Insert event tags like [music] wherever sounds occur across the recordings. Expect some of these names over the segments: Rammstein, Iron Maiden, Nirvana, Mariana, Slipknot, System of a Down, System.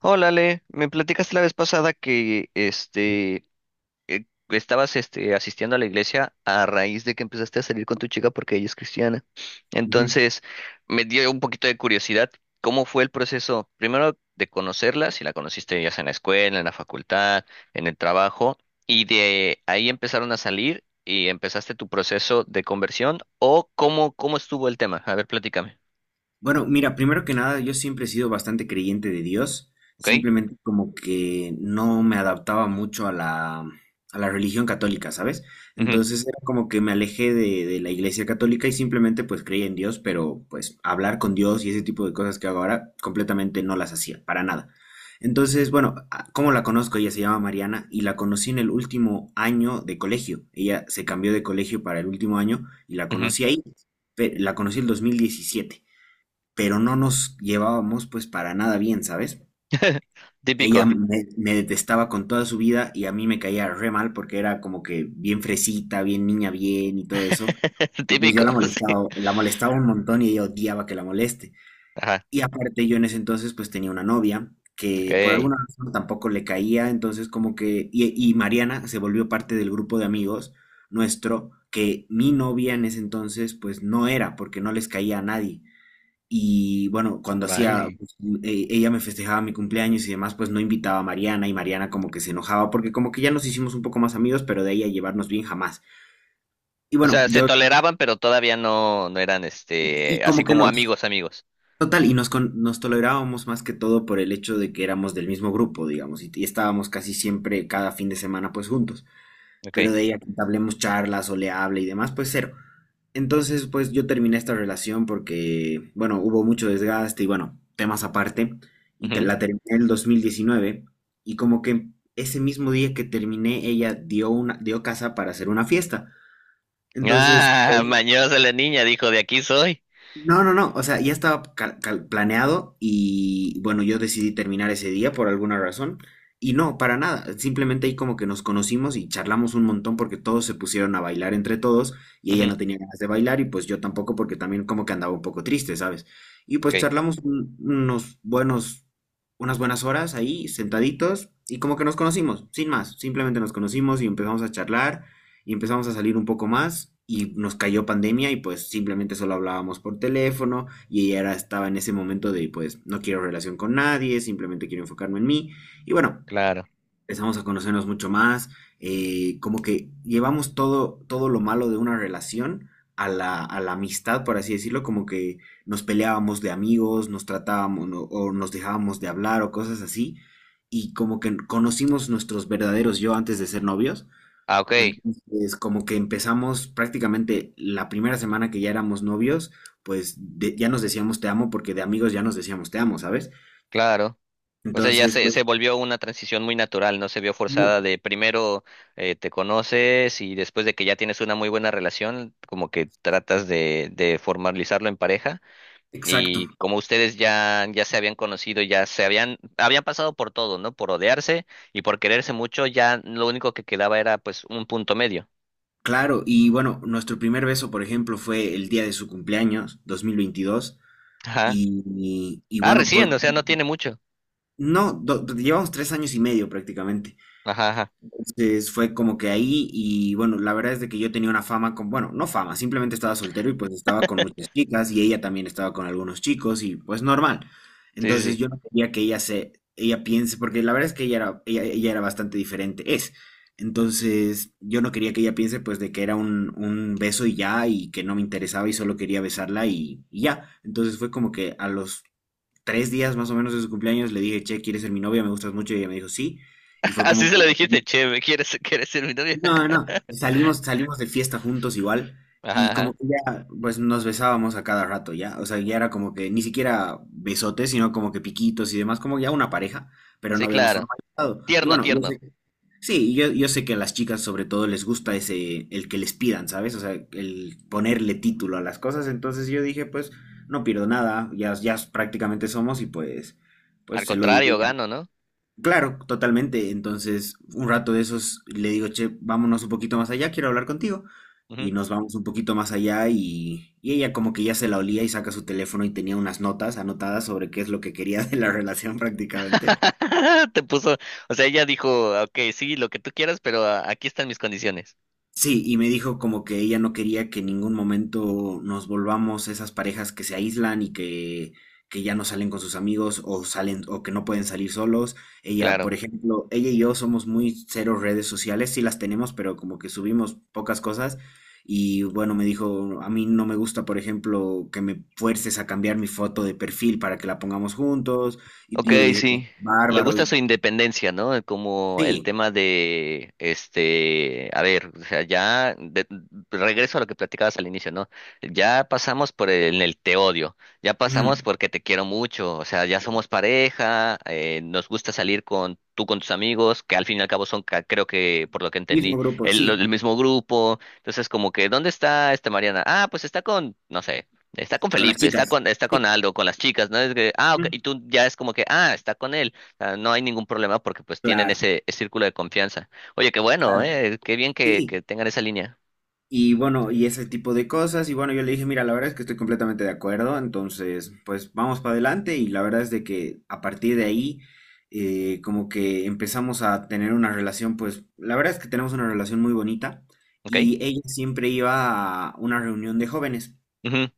Hola, Ale, me platicaste la vez pasada que estabas asistiendo a la iglesia a raíz de que empezaste a salir con tu chica porque ella es cristiana. Ujú. Entonces, me dio un poquito de curiosidad, ¿cómo fue el proceso? Primero de conocerla, si la conociste ya sea en la escuela, en la facultad, en el trabajo, y de ahí empezaron a salir y empezaste tu proceso de conversión o cómo estuvo el tema. A ver, platícame, Bueno, mira, primero que nada, yo siempre he sido bastante creyente de Dios, ¿ok? simplemente como que no me adaptaba mucho a la religión católica, ¿sabes? Ujú, Entonces era como que me alejé de la iglesia católica y simplemente pues creía en Dios, pero pues hablar con Dios y ese tipo de cosas que hago ahora completamente no las hacía, para nada. Entonces, bueno, ¿cómo la conozco? Ella se llama Mariana y la conocí en el último año de colegio. Ella se cambió de colegio para el último año y la ujú. conocí ahí, la conocí el 2017, pero no nos llevábamos pues para nada bien, ¿sabes? [laughs] Ella Típico. me, me detestaba con toda su vida y a mí me caía re mal porque era como que bien fresita, bien niña bien y todo eso. [laughs] Y pues yo Típico, sí. La molestaba un montón y ella odiaba que la moleste. Ajá, Y aparte yo en ese entonces pues tenía una novia ok, que por alguna razón tampoco le caía, entonces como que... Y Mariana se volvió parte del grupo de amigos nuestro, que mi novia en ese entonces pues no, era porque no les caía a nadie. Y bueno, cuando hacía, vale. pues, ella me festejaba mi cumpleaños y demás, pues no invitaba a Mariana y Mariana como que se enojaba porque como que ya nos hicimos un poco más amigos, pero de ahí a llevarnos bien jamás. Y O bueno, sea, se yo, toleraban, pero todavía no eran, y este, así como que como nos, amigos, amigos. total, y nos, con- nos tolerábamos más que todo por el hecho de que éramos del mismo grupo, digamos, y estábamos casi siempre cada fin de semana pues juntos, Ok, pero de ella que hablemos charlas o le hable y demás, pues cero. Entonces, pues yo terminé esta relación porque, bueno, hubo mucho desgaste y bueno, temas aparte, y ujú. la terminé en el 2019 y como que ese mismo día que terminé, ella dio una, dio casa para hacer una fiesta. Entonces, Ah, [laughs] mañosa la niña, dijo, de aquí soy. no, no, no, o sea, ya estaba planeado y bueno, yo decidí terminar ese día por alguna razón y no, para nada, simplemente ahí como que nos conocimos y charlamos un montón porque todos se pusieron a bailar entre todos y ella Ujú, no tenía ganas de bailar y pues yo tampoco porque también como que andaba un poco triste, ¿sabes? Y ok, pues charlamos un- unos buenos, unas buenas horas ahí sentaditos y como que nos conocimos, sin más, simplemente nos conocimos y empezamos a charlar y empezamos a salir un poco más y nos cayó pandemia y pues simplemente solo hablábamos por teléfono. Y ella era, estaba en ese momento de pues no quiero relación con nadie, simplemente quiero enfocarme en mí. Y bueno, claro. empezamos a conocernos mucho más, como que llevamos todo, todo lo malo de una relación a la amistad, por así decirlo, como que nos peleábamos de amigos, nos tratábamos o nos dejábamos de hablar o cosas así, y como que conocimos nuestros verdaderos yo antes de ser novios. Ah, ok, Entonces, como que empezamos prácticamente la primera semana que ya éramos novios, pues ya nos decíamos te amo porque de amigos ya nos decíamos te amo, ¿sabes? claro. O sea, ya Entonces, se, pues, se volvió una transición muy natural, no se vio mu- forzada de primero te conoces y después de que ya tienes una muy buena relación, como que tratas de formalizarlo en pareja. exacto, Y como ustedes ya, ya se habían conocido, ya se habían, habían pasado por todo, ¿no? Por odiarse y por quererse mucho, ya lo único que quedaba era pues un punto medio. claro. Y bueno, nuestro primer beso, por ejemplo, fue el día de su cumpleaños, 2022. Ajá. Y Ah, bueno, pues, recién, o sea, no tiene mucho. no, llevamos 3 años y medio prácticamente. Ajá, ajá. Entonces fue como que ahí y bueno, la verdad es de que yo tenía una fama con, bueno, no fama, simplemente estaba soltero y pues estaba con muchas chicas y ella también estaba con algunos chicos y pues normal. Sí, sí, Entonces sí. yo no quería que ella se, ella piense, porque la verdad es que ella era, ella era bastante diferente, es. Entonces yo no quería que ella piense pues de que era un beso y ya, y que no me interesaba y solo quería besarla y ya. Entonces fue como que a los 3 días más o menos de su cumpleaños le dije, che, ¿quieres ser mi novia? Me gustas mucho. Y ella me dijo, sí. Y [laughs] fue Así como se que... lo dijiste, che, ¿me ¿quieres, quieres ser mi novia? No, no, [laughs] salimos, salimos de fiesta juntos igual Ajá, y como ajá. que ya, pues nos besábamos a cada rato ya, o sea, ya era como que ni siquiera besotes, sino como que piquitos y demás, como ya una pareja, pero no Sí, habíamos claro. formalizado. Y Tierno, bueno, yo tierno. sé, sí, yo sé que a las chicas sobre todo les gusta ese, el que les pidan, ¿sabes? O sea, el ponerle título a las cosas, entonces yo dije, pues no pierdo nada, ya, ya prácticamente somos y pues, Al pues se lo digo. contrario, gano, ¿no? Claro, totalmente. Entonces, un rato de esos le digo, che, vámonos un poquito más allá, quiero hablar contigo. Ujú. Y nos vamos un poquito más allá y ella como que ya se la olía y saca su teléfono y tenía unas notas anotadas sobre qué es lo que quería de la [laughs] relación prácticamente. [laughs] Te puso, o sea, ella dijo, ok, sí, lo que tú quieras, pero ah, aquí están mis condiciones. Sí, y me dijo como que ella no quería que en ningún momento nos volvamos esas parejas que se aíslan y que ya no salen con sus amigos o salen o que no pueden salir solos. Ella, Claro. por ejemplo, ella y yo somos muy cero redes sociales, sí las tenemos, pero como que subimos pocas cosas. Y bueno, me dijo, a mí no me gusta, por ejemplo, que me fuerces a cambiar mi foto de perfil para que la pongamos juntos. Y Ok, yo le dije, pues, sí. Le bárbaro. Y gusta su independencia, ¿no? Como el sí, tema de, este, a ver, o sea, ya de- regreso a lo que platicabas al inicio, ¿no? Ya pasamos por el te odio, ya pasamos mm, porque te quiero mucho, o sea, ya somos pareja, nos gusta salir con tú con tus amigos, que al fin y al cabo son, ca- creo que por lo que mismo entendí, grupo, el, lo- sí, el mismo grupo, entonces como que, ¿dónde está esta Mariana? Ah, pues está con, no sé. Está con con las Felipe, chicas. Está con Sí. Aldo, con las chicas, ¿no? Es que, ah, ok, y Mm. tú ya es como que, ah, está con él, ah, no hay ningún problema porque pues tienen Claro, ese, ese círculo de confianza. Oye, qué bueno, claro, qué bien que sí. tengan esa línea, Y bueno, y ese tipo de cosas. Y bueno, yo le dije, mira, la verdad es que estoy completamente de acuerdo. Entonces, pues vamos para adelante. Y la verdad es de que a partir de ahí, como que empezamos a tener una relación, pues la verdad es que tenemos una relación muy bonita. ¿ok? Y ella siempre iba a una reunión de jóvenes Ujú,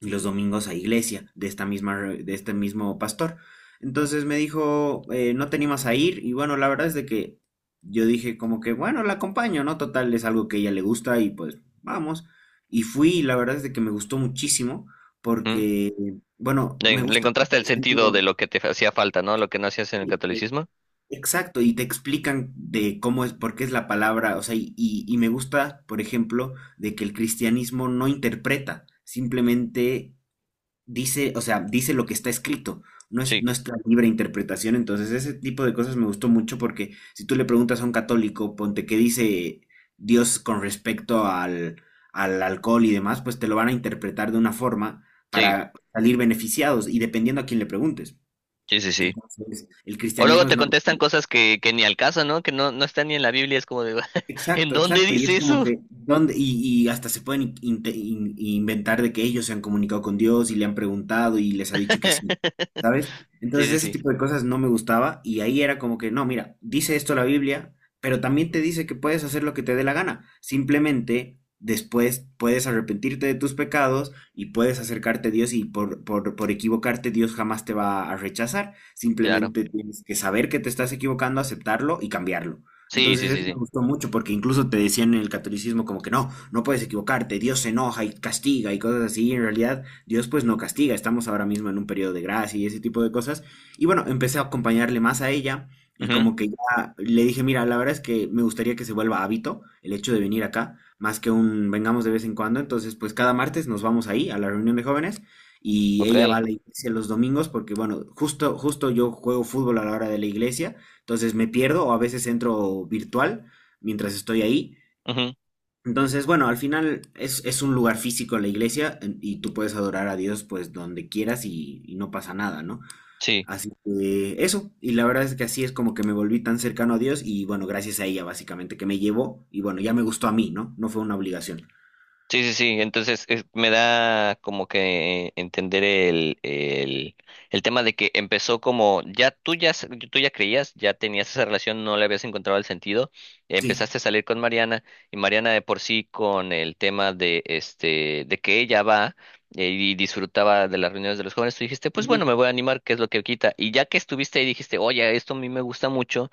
y los domingos a iglesia de, esta misma, de este mismo pastor. Entonces me dijo, no te animas a ir. Y bueno, la verdad es de que yo dije como que, bueno, la acompaño, ¿no? Total, es algo que a ella le gusta y pues vamos. Y fui y la verdad es de que me gustó muchísimo ujú. porque, bueno, me Le gusta que, encontraste por el sentido de ejemplo, lo que te hacía falta, ¿no? Lo que no hacías en el sí, catolicismo. exacto, y te explican de cómo es, por qué es la palabra, o sea, y me gusta, por ejemplo, de que el cristianismo no interpreta, simplemente dice, o sea, dice lo que está escrito, no es Sí, nuestra libre interpretación. Entonces, ese tipo de cosas me gustó mucho porque si tú le preguntas a un católico, ponte qué dice Dios con respecto al alcohol y demás, pues te lo van a interpretar de una forma sí, para salir beneficiados y dependiendo a quién le preguntes. sí, sí, sí. Entonces, el O luego cristianismo es te no. contestan cosas que ni al caso, ¿no? Que no, no están ni en la Biblia, es como de, [laughs] ¿en Exacto, dónde exacto. Y es dice como eso? que, ¿dónde? Y y hasta se pueden inventar de que ellos se han comunicado con Dios y le han preguntado y les ha dicho que sí, [laughs] ¿sabes? Sí, Entonces sí, ese sí, tipo de cosas no me gustaba y ahí era como que, no, mira, dice esto la Biblia, pero también te dice que puedes hacer lo que te dé la gana. Simplemente después puedes arrepentirte de tus pecados y puedes acercarte a Dios, y por equivocarte Dios jamás te va a rechazar. claro. Simplemente tienes que saber que te estás equivocando, aceptarlo y cambiarlo. Sí, Entonces sí, sí, eso me sí. gustó mucho porque incluso te decían en el catolicismo como que no, no puedes equivocarte, Dios se enoja y castiga y cosas así, y en realidad Dios pues no castiga, estamos ahora mismo en un periodo de gracia y ese tipo de cosas. Y bueno, empecé a acompañarle más a ella y Ujú, como que ya le dije, mira, la verdad es que me gustaría que se vuelva hábito el hecho de venir acá, más que un vengamos de vez en cuando. Entonces pues cada martes nos vamos ahí a la reunión de jóvenes y ella va a ok. la iglesia los domingos porque bueno, justo, justo yo juego fútbol a la hora de la iglesia. Entonces me pierdo o a veces entro virtual mientras estoy ahí. Ujú. Entonces, bueno, al final es un lugar físico la iglesia y tú puedes adorar a Dios pues donde quieras y no pasa nada, ¿no? Sí, Así que eso, y la verdad es que así es como que me volví tan cercano a Dios. Y bueno, gracias a ella básicamente que me llevó y bueno, ya me gustó a mí, ¿no? No fue una obligación. sí, sí, sí. Entonces es- me da como que entender el tema de que empezó como ya tú ya, s- tú ya creías, ya tenías esa relación, no le habías encontrado el sentido. Sí. Empezaste a salir con Mariana y Mariana de por sí con el tema de este de que ella va y disfrutaba de las reuniones de los jóvenes, tú dijiste, pues Ujú. bueno, me voy a animar, ¿qué es lo que quita? Y ya que estuviste ahí dijiste, oye, esto a mí me gusta mucho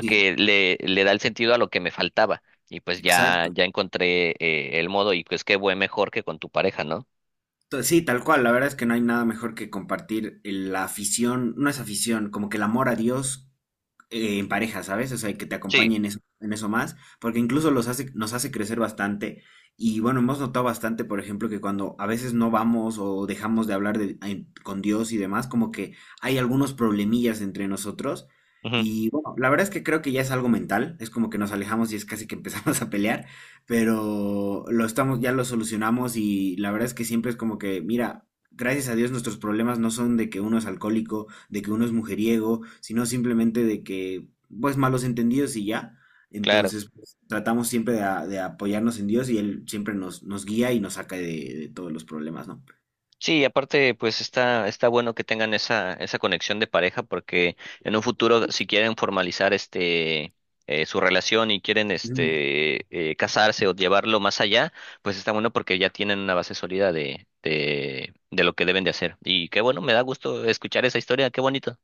Sí, le da el sentido a lo que me faltaba. Y pues ya, exacto. ya encontré el modo y pues qué buen mejor que con tu pareja, ¿no? Sí, tal cual, la verdad es que no hay nada mejor que compartir la afición, no es afición, como que el amor a Dios, en pareja, ¿sabes? O sea, que te Sí, acompañen en eso más, porque incluso los hace, nos hace crecer bastante. Y bueno, hemos notado bastante, por ejemplo, que cuando a veces no vamos o dejamos de hablar con Dios y demás, como que hay algunos problemillas entre nosotros. ujú, Y bueno, la verdad es que creo que ya es algo mental, es como que nos alejamos y es casi que empezamos [laughs] a pelear, pero lo estamos, ya lo solucionamos. Y la verdad es que siempre es como que, mira, gracias a Dios nuestros problemas no son de que uno es alcohólico, de que uno es mujeriego, sino simplemente de que, pues, malos entendidos y ya. claro. Entonces, pues, tratamos siempre de apoyarnos en Dios y Él siempre nos, nos guía y nos saca de todos los problemas, ¿no? Sí, y aparte pues está, está bueno que tengan esa, esa conexión de pareja porque en un futuro si quieren formalizar este su relación y quieren Ujú. este casarse o llevarlo más allá, pues está bueno porque ya tienen una base sólida de lo que deben de hacer. Y qué bueno, me da gusto escuchar esa historia, qué bonito.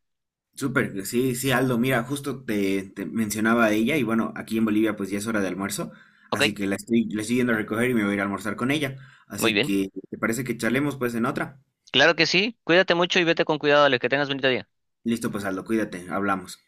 Súper, sí, sí, Aldo, mira, justo te, te mencionaba a ella y bueno, aquí en Bolivia pues ya es hora de almuerzo, Ok, así que la estoy yendo a recoger y me voy a ir a almorzar con ella. muy Así bien. que, ¿te parece que charlemos pues en otra? Claro que sí, cuídate mucho y vete con cuidado, Ale, que tengas bonito día. Listo, pues Aldo, cuídate, hablamos.